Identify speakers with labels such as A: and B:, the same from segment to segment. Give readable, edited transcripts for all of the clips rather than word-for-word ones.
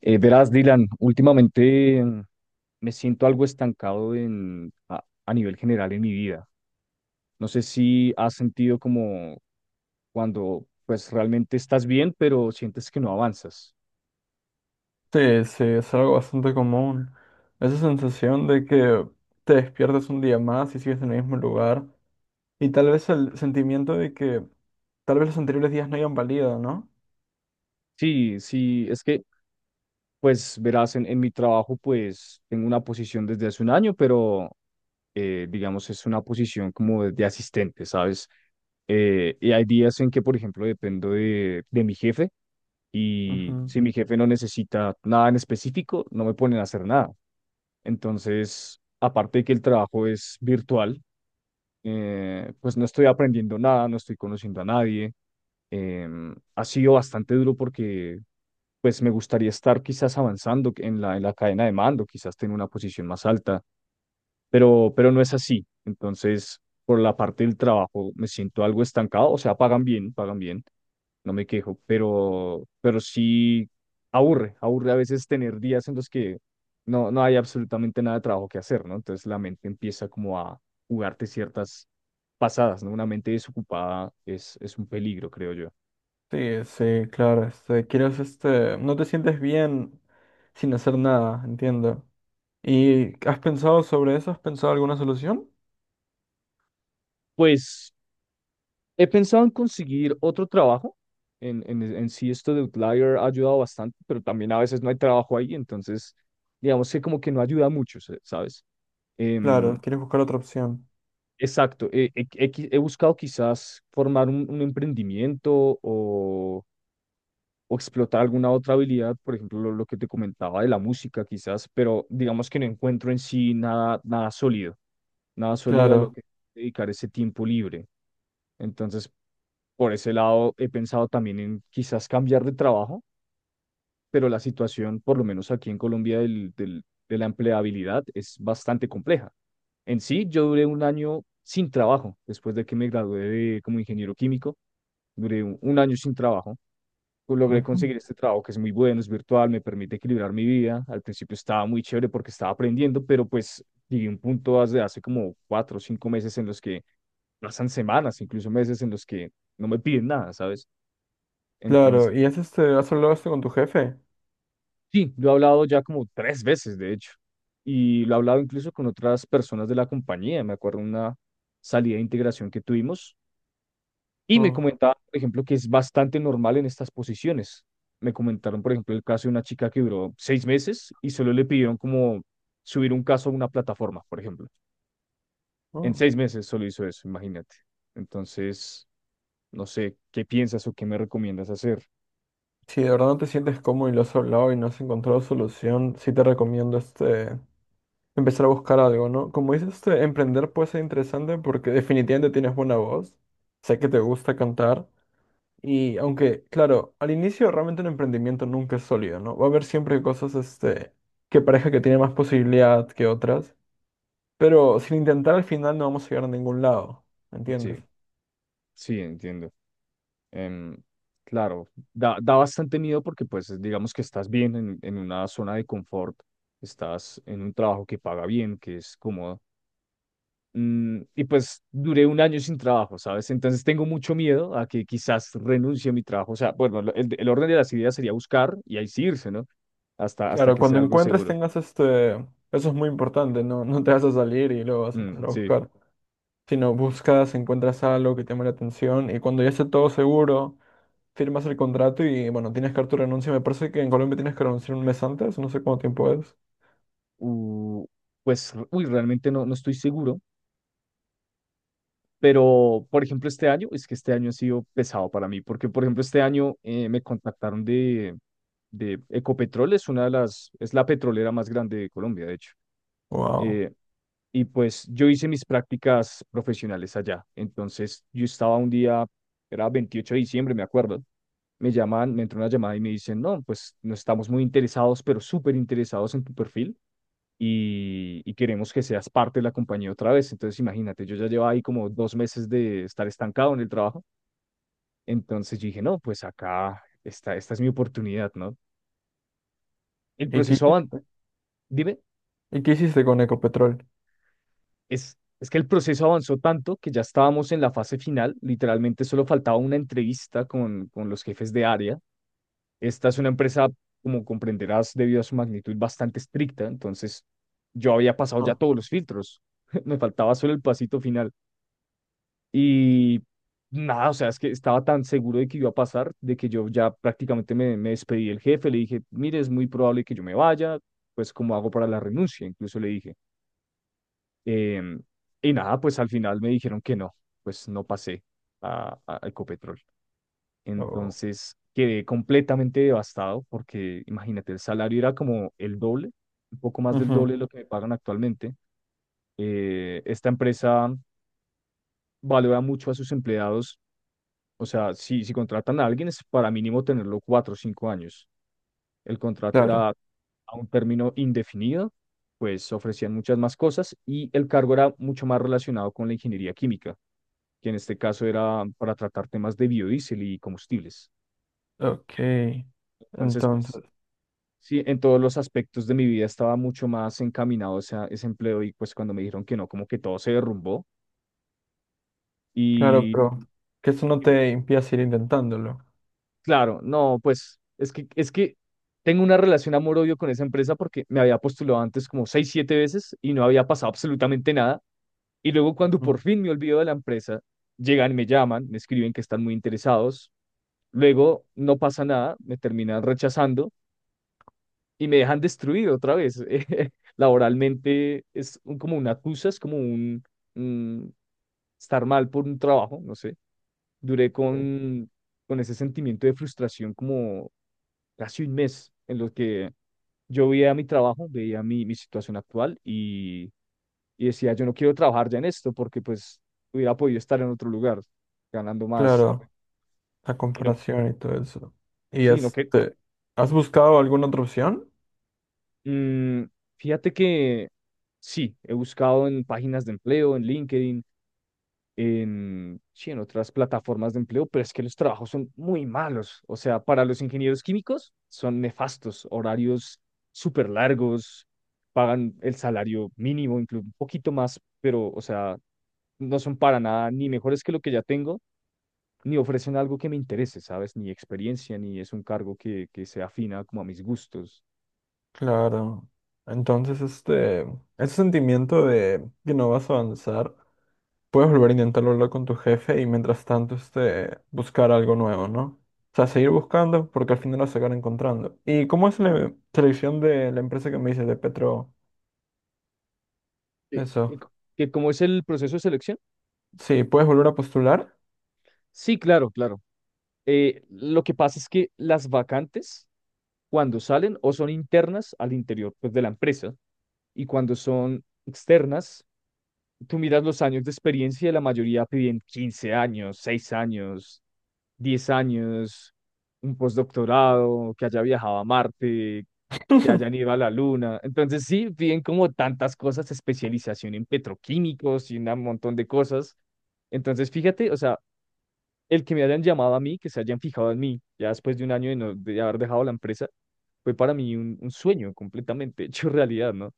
A: Verás, Dylan, últimamente me siento algo estancado a nivel general en mi vida. No sé si has sentido como cuando pues realmente estás bien, pero sientes que no avanzas.
B: Sí, sí, es algo bastante común. Esa sensación de que te despiertas un día más y sigues en el mismo lugar. Y tal vez el sentimiento de que tal vez los anteriores días no hayan valido, ¿no?
A: Sí, sí, es que pues verás, en mi trabajo pues tengo una posición desde hace un año, pero digamos es una posición como de asistente, ¿sabes? Y hay días en que, por ejemplo, dependo de mi jefe, y
B: Ujú.
A: si mi jefe no necesita nada en específico, no me ponen a hacer nada. Entonces, aparte de que el trabajo es virtual, pues no estoy aprendiendo nada, no estoy conociendo a nadie. Ha sido bastante duro porque pues me gustaría estar quizás avanzando en la cadena de mando, quizás tener una posición más alta, pero no es así. Entonces, por la parte del trabajo me siento algo estancado. O sea, pagan bien, no me quejo, pero sí aburre, aburre a veces tener días en los que no, no hay absolutamente nada de trabajo que hacer, ¿no? Entonces la mente empieza como a jugarte ciertas pasadas, ¿no? Una mente desocupada es un peligro, creo yo.
B: Sí, sí, claro. Quieres, no te sientes bien sin hacer nada, entiendo. ¿Y has pensado sobre eso? ¿Has pensado alguna solución?
A: Pues he pensado en conseguir otro trabajo. En sí, esto de Outlier ha ayudado bastante, pero también a veces no hay trabajo ahí, entonces digamos que como que no ayuda mucho, ¿sabes?
B: Claro,
A: Em,
B: quieres buscar otra opción.
A: exacto. He buscado quizás formar un emprendimiento, o explotar alguna otra habilidad, por ejemplo, lo que te comentaba de la música quizás, pero digamos que no encuentro en sí nada, nada sólido, nada sólido a lo
B: Claro.
A: que dedicar ese tiempo libre. Entonces, por ese lado, he pensado también en quizás cambiar de trabajo, pero la situación, por lo menos aquí en Colombia, de la empleabilidad es bastante compleja. En sí, yo duré un año sin trabajo después de que me gradué como ingeniero químico, duré un año sin trabajo. Pues logré
B: Ujú.
A: conseguir este trabajo, que es muy bueno, es virtual, me permite equilibrar mi vida. Al principio estaba muy chévere porque estaba aprendiendo, pero pues llegué a un punto hace como 4 o 5 meses en los que pasan semanas, incluso meses en los que no me piden nada, ¿sabes? Entonces,
B: Claro. ¿Y has hablado esto con tu jefe?
A: sí, lo he hablado ya como tres veces, de hecho, y lo he hablado incluso con otras personas de la compañía. Me acuerdo una salida de integración que tuvimos. Y me
B: Oh,
A: comentaban, por ejemplo, que es bastante normal en estas posiciones. Me comentaron, por ejemplo, el caso de una chica que duró 6 meses y solo le pidieron como subir un caso a una plataforma, por ejemplo. En
B: oh.
A: seis meses solo hizo eso, imagínate. Entonces, no sé, ¿qué piensas o qué me recomiendas hacer?
B: Si de verdad no te sientes cómodo y lo has hablado y no has encontrado solución, sí te recomiendo empezar a buscar algo, ¿no? Como dices, emprender puede ser interesante porque definitivamente tienes buena voz, sé que te gusta cantar y aunque, claro, al inicio realmente un emprendimiento nunca es sólido, ¿no? Va a haber siempre cosas que parezca que tiene más posibilidad que otras, pero sin intentar al final no vamos a llegar a ningún lado,
A: Sí,
B: ¿entiendes?
A: sí, entiendo. Em, claro, da bastante miedo porque pues digamos que estás bien en una zona de confort, estás en un trabajo que paga bien, que es cómodo. Y pues duré un año sin trabajo, ¿sabes? Entonces tengo mucho miedo a que quizás renuncie a mi trabajo. O sea, bueno, el orden de las ideas sería buscar y ahí sí irse, ¿no? Hasta
B: Claro,
A: que sea
B: cuando
A: algo
B: encuentres
A: seguro.
B: tengas eso es muy importante, ¿no? No te vas a salir y luego vas a
A: Mm,
B: empezar a
A: sí.
B: buscar. Si no buscas, encuentras algo que te llame la atención y cuando ya esté todo seguro, firmas el contrato y bueno, tienes que dar tu renuncia. Me parece que en Colombia tienes que renunciar un mes antes, no sé cuánto tiempo es.
A: U- pues, uy, realmente no, no estoy seguro. Pero, por ejemplo, este año, es que este año ha sido pesado para mí, porque, por ejemplo, este año me contactaron de Ecopetrol, es una de las, es la petrolera más grande de Colombia, de hecho.
B: Wow.
A: Eh, Y pues yo hice mis prácticas profesionales allá. Entonces yo estaba un día, era 28 de diciembre, me acuerdo. Me llaman, me entró una llamada y me dicen, no, pues no estamos muy interesados, pero súper interesados en tu perfil, y queremos que seas parte de la compañía otra vez. Entonces imagínate, yo ya llevaba ahí como 2 meses de estar estancado en el trabajo. Entonces yo dije, no, pues acá, esta es mi oportunidad, ¿no? El
B: ¿Y
A: proceso avanzó. Dime.
B: qué hiciste con Ecopetrol?
A: Es que el proceso avanzó tanto que ya estábamos en la fase final, literalmente solo faltaba una entrevista con los jefes de área. Esta es una empresa, como comprenderás, debido a su magnitud, bastante estricta. Entonces yo había pasado ya
B: Ah,
A: todos los filtros, me faltaba solo el pasito final. Y nada, o sea, es que estaba tan seguro de que iba a pasar, de que yo ya prácticamente me despedí del jefe, le dije, mire, es muy probable que yo me vaya, pues cómo hago para la renuncia, incluso le dije. Em, y nada, pues al final me dijeron que no, pues no pasé a Ecopetrol.
B: oh,
A: Entonces quedé completamente devastado porque, imagínate, el salario era como el doble, un poco más del
B: ujú,
A: doble de lo que me pagan actualmente. Esta empresa valora mucho a sus empleados, o sea, si contratan a alguien es para mínimo tenerlo 4 o 5 años. El contrato
B: claro.
A: era a un término indefinido, pues ofrecían muchas más cosas y el cargo era mucho más relacionado con la ingeniería química, que en este caso era para tratar temas de biodiesel y combustibles.
B: Ok.
A: Entonces, pues
B: Entonces,
A: sí, en todos los aspectos de mi vida estaba mucho más encaminado ese, ese empleo, y pues cuando me dijeron que no, como que todo se derrumbó
B: claro,
A: y…
B: pero que eso no
A: Dime.
B: te impida seguir intentándolo.
A: Claro, no, pues es que, tengo una relación amor-odio con esa empresa porque me había postulado antes como seis, siete veces y no había pasado absolutamente nada. Y luego, cuando
B: Ujú.
A: por fin me olvido de la empresa, llegan, me llaman, me escriben que están muy interesados. Luego no pasa nada, me terminan rechazando y me dejan destruido otra vez. Laboralmente es como una excusa, es como mm, estar mal por un trabajo, no sé. Duré con ese sentimiento de frustración como casi un mes, en lo que yo veía mi trabajo, veía mi situación actual, y decía, yo no quiero trabajar ya en esto, porque pues hubiera podido estar en otro lugar ganando más. Ah, pues,
B: Claro, la
A: y no,
B: comparación y todo eso. ¿Y
A: sí, no que…
B: has buscado alguna otra opción?
A: mm, fíjate que sí, he buscado en páginas de empleo, en LinkedIn, en, sí, en otras plataformas de empleo, pero es que los trabajos son muy malos. O sea, para los ingenieros químicos son nefastos, horarios súper largos, pagan el salario mínimo, incluso un poquito más, pero, o sea, no son para nada ni mejores que lo que ya tengo, ni ofrecen algo que me interese, ¿sabes? Ni experiencia, ni es un cargo que se afina como a mis gustos.
B: Claro. Entonces, ese sentimiento de que no vas a avanzar, puedes volver a intentarlo hablar con tu jefe y mientras tanto, buscar algo nuevo, ¿no? O sea, seguir buscando porque al final vas a acabar encontrando. ¿Y cómo es la selección de la empresa que me dices de Petro? Eso.
A: ¿Que cómo es el proceso de selección?
B: Sí, puedes volver a postular.
A: Sí, claro, claro. Lo que pasa es que las vacantes, cuando salen, o son internas al interior pues, de la empresa, y cuando son externas, tú miras los años de experiencia y la mayoría piden 15 años, 6 años, 10 años, un postdoctorado, que haya viajado a Marte, que hayan ido a la Luna. Entonces sí, piden como tantas cosas, especialización en petroquímicos y un montón de cosas. Entonces fíjate, o sea, el que me hayan llamado a mí, que se hayan fijado en mí, ya después de un año de, no, de haber dejado la empresa, fue para mí un sueño completamente hecho realidad, ¿no?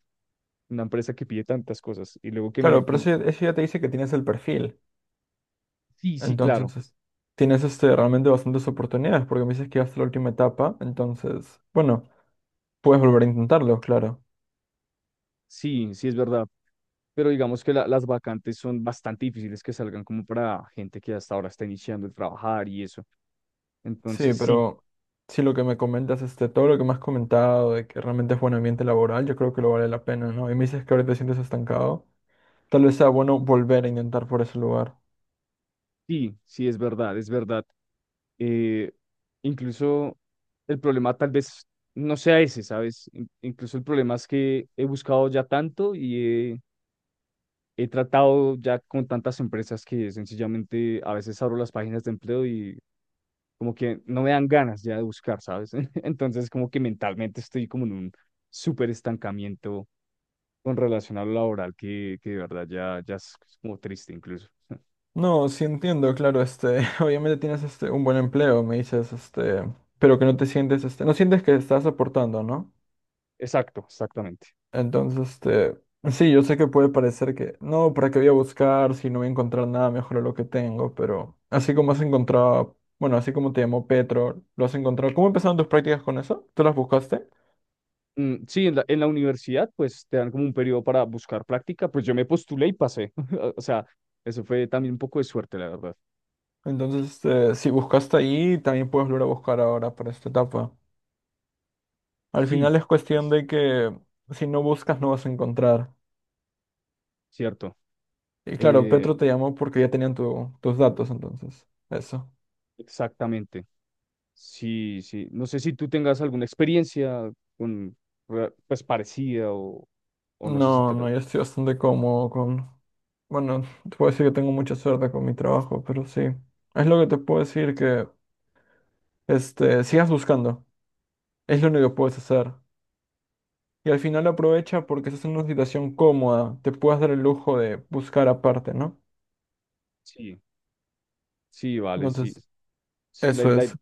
A: Una empresa que pide tantas cosas y luego que
B: Claro,
A: me…
B: pero
A: Que,
B: eso ya te dice que tienes el perfil.
A: sí, sí, claro,
B: Entonces, tienes realmente bastantes oportunidades porque me dices que hasta la última etapa. Entonces, bueno, puedes volver a intentarlo, claro.
A: sí, sí es verdad, pero digamos que las vacantes son bastante difíciles que salgan como para gente que hasta ahora está iniciando el trabajar y eso.
B: Sí,
A: Entonces, sí,
B: pero sí lo que me comentas, todo lo que me has comentado de que realmente es buen ambiente laboral, yo creo que lo vale la pena, ¿no? Y me dices que ahorita te sientes estancado, tal vez sea bueno volver a intentar por ese lugar.
A: sí, sí es verdad, es verdad. eh, incluso el problema tal vez no sea ese, ¿sabes? Incluso el problema es que he buscado ya tanto, y he tratado ya con tantas empresas, que sencillamente a veces abro las páginas de empleo y como que no me dan ganas ya de buscar, ¿sabes? Entonces como que mentalmente estoy como en un súper estancamiento con relación a lo laboral, que de verdad ya, ya es como triste, incluso.
B: No, sí entiendo, claro, obviamente tienes un buen empleo, me dices, pero que no sientes que estás aportando, ¿no?
A: Exacto, exactamente.
B: Entonces, sí, yo sé que puede parecer que, no, ¿para qué voy a buscar si no voy a encontrar nada mejor a lo que tengo? Pero así como has encontrado, bueno, así como te llamó Petro, lo has encontrado. ¿Cómo empezaron tus prácticas con eso? ¿Tú las buscaste?
A: Mm, sí, en la universidad pues te dan como un periodo para buscar práctica. Pues yo me postulé y pasé. O sea, eso fue también un poco de suerte, la verdad.
B: Entonces, si buscaste ahí, también puedes volver a buscar ahora para esta etapa. Al
A: Sí,
B: final es cuestión
A: yes.
B: de que si no buscas, no vas a encontrar.
A: Cierto.
B: Y claro,
A: Eh,
B: Petro te llamó porque ya tenían tus datos, entonces, eso.
A: exactamente. Sí, sí. No sé si tú tengas alguna experiencia con, re- pues parecida, o no sé si…
B: No, no,
A: tra-
B: yo estoy bastante cómodo con... Bueno, te puedo decir que tengo mucha suerte con mi trabajo, pero sí. Es lo que te puedo decir que, sigas buscando. Es lo único que puedes hacer. Y al final aprovecha porque estás en una situación cómoda. Te puedes dar el lujo de buscar aparte, ¿no?
A: Sí, sí, vale, sí.
B: Entonces,
A: Sí, la,
B: eso
A: la,
B: es.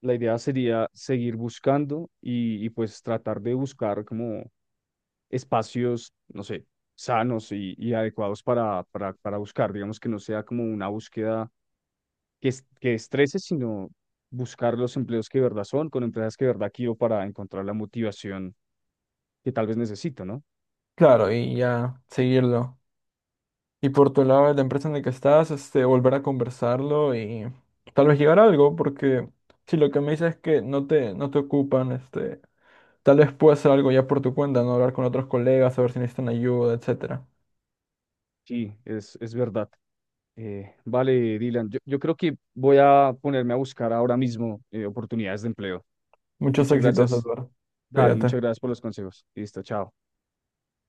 A: la idea sería seguir buscando, y pues tratar de buscar como espacios, no sé, sanos y adecuados para, para buscar. Digamos que no sea como una búsqueda que estrese, sino buscar los empleos que de verdad son, con empresas que de verdad quiero, para encontrar la motivación que tal vez necesito, ¿no?
B: Claro, y ya seguirlo. Y por tu lado, la empresa en la que estás, volver a conversarlo y tal vez llegar a algo, porque si lo que me dices es que no te ocupan. Tal vez puedas hacer algo ya por tu cuenta, ¿no? Hablar con otros colegas, saber si necesitan ayuda, etcétera.
A: Sí, es verdad. Vale, Dylan, yo creo que voy a ponerme a buscar ahora mismo oportunidades de empleo.
B: Muchos
A: Muchas
B: éxitos,
A: gracias.
B: Edward.
A: Dale,
B: Cuídate.
A: muchas gracias por los consejos. Listo, chao.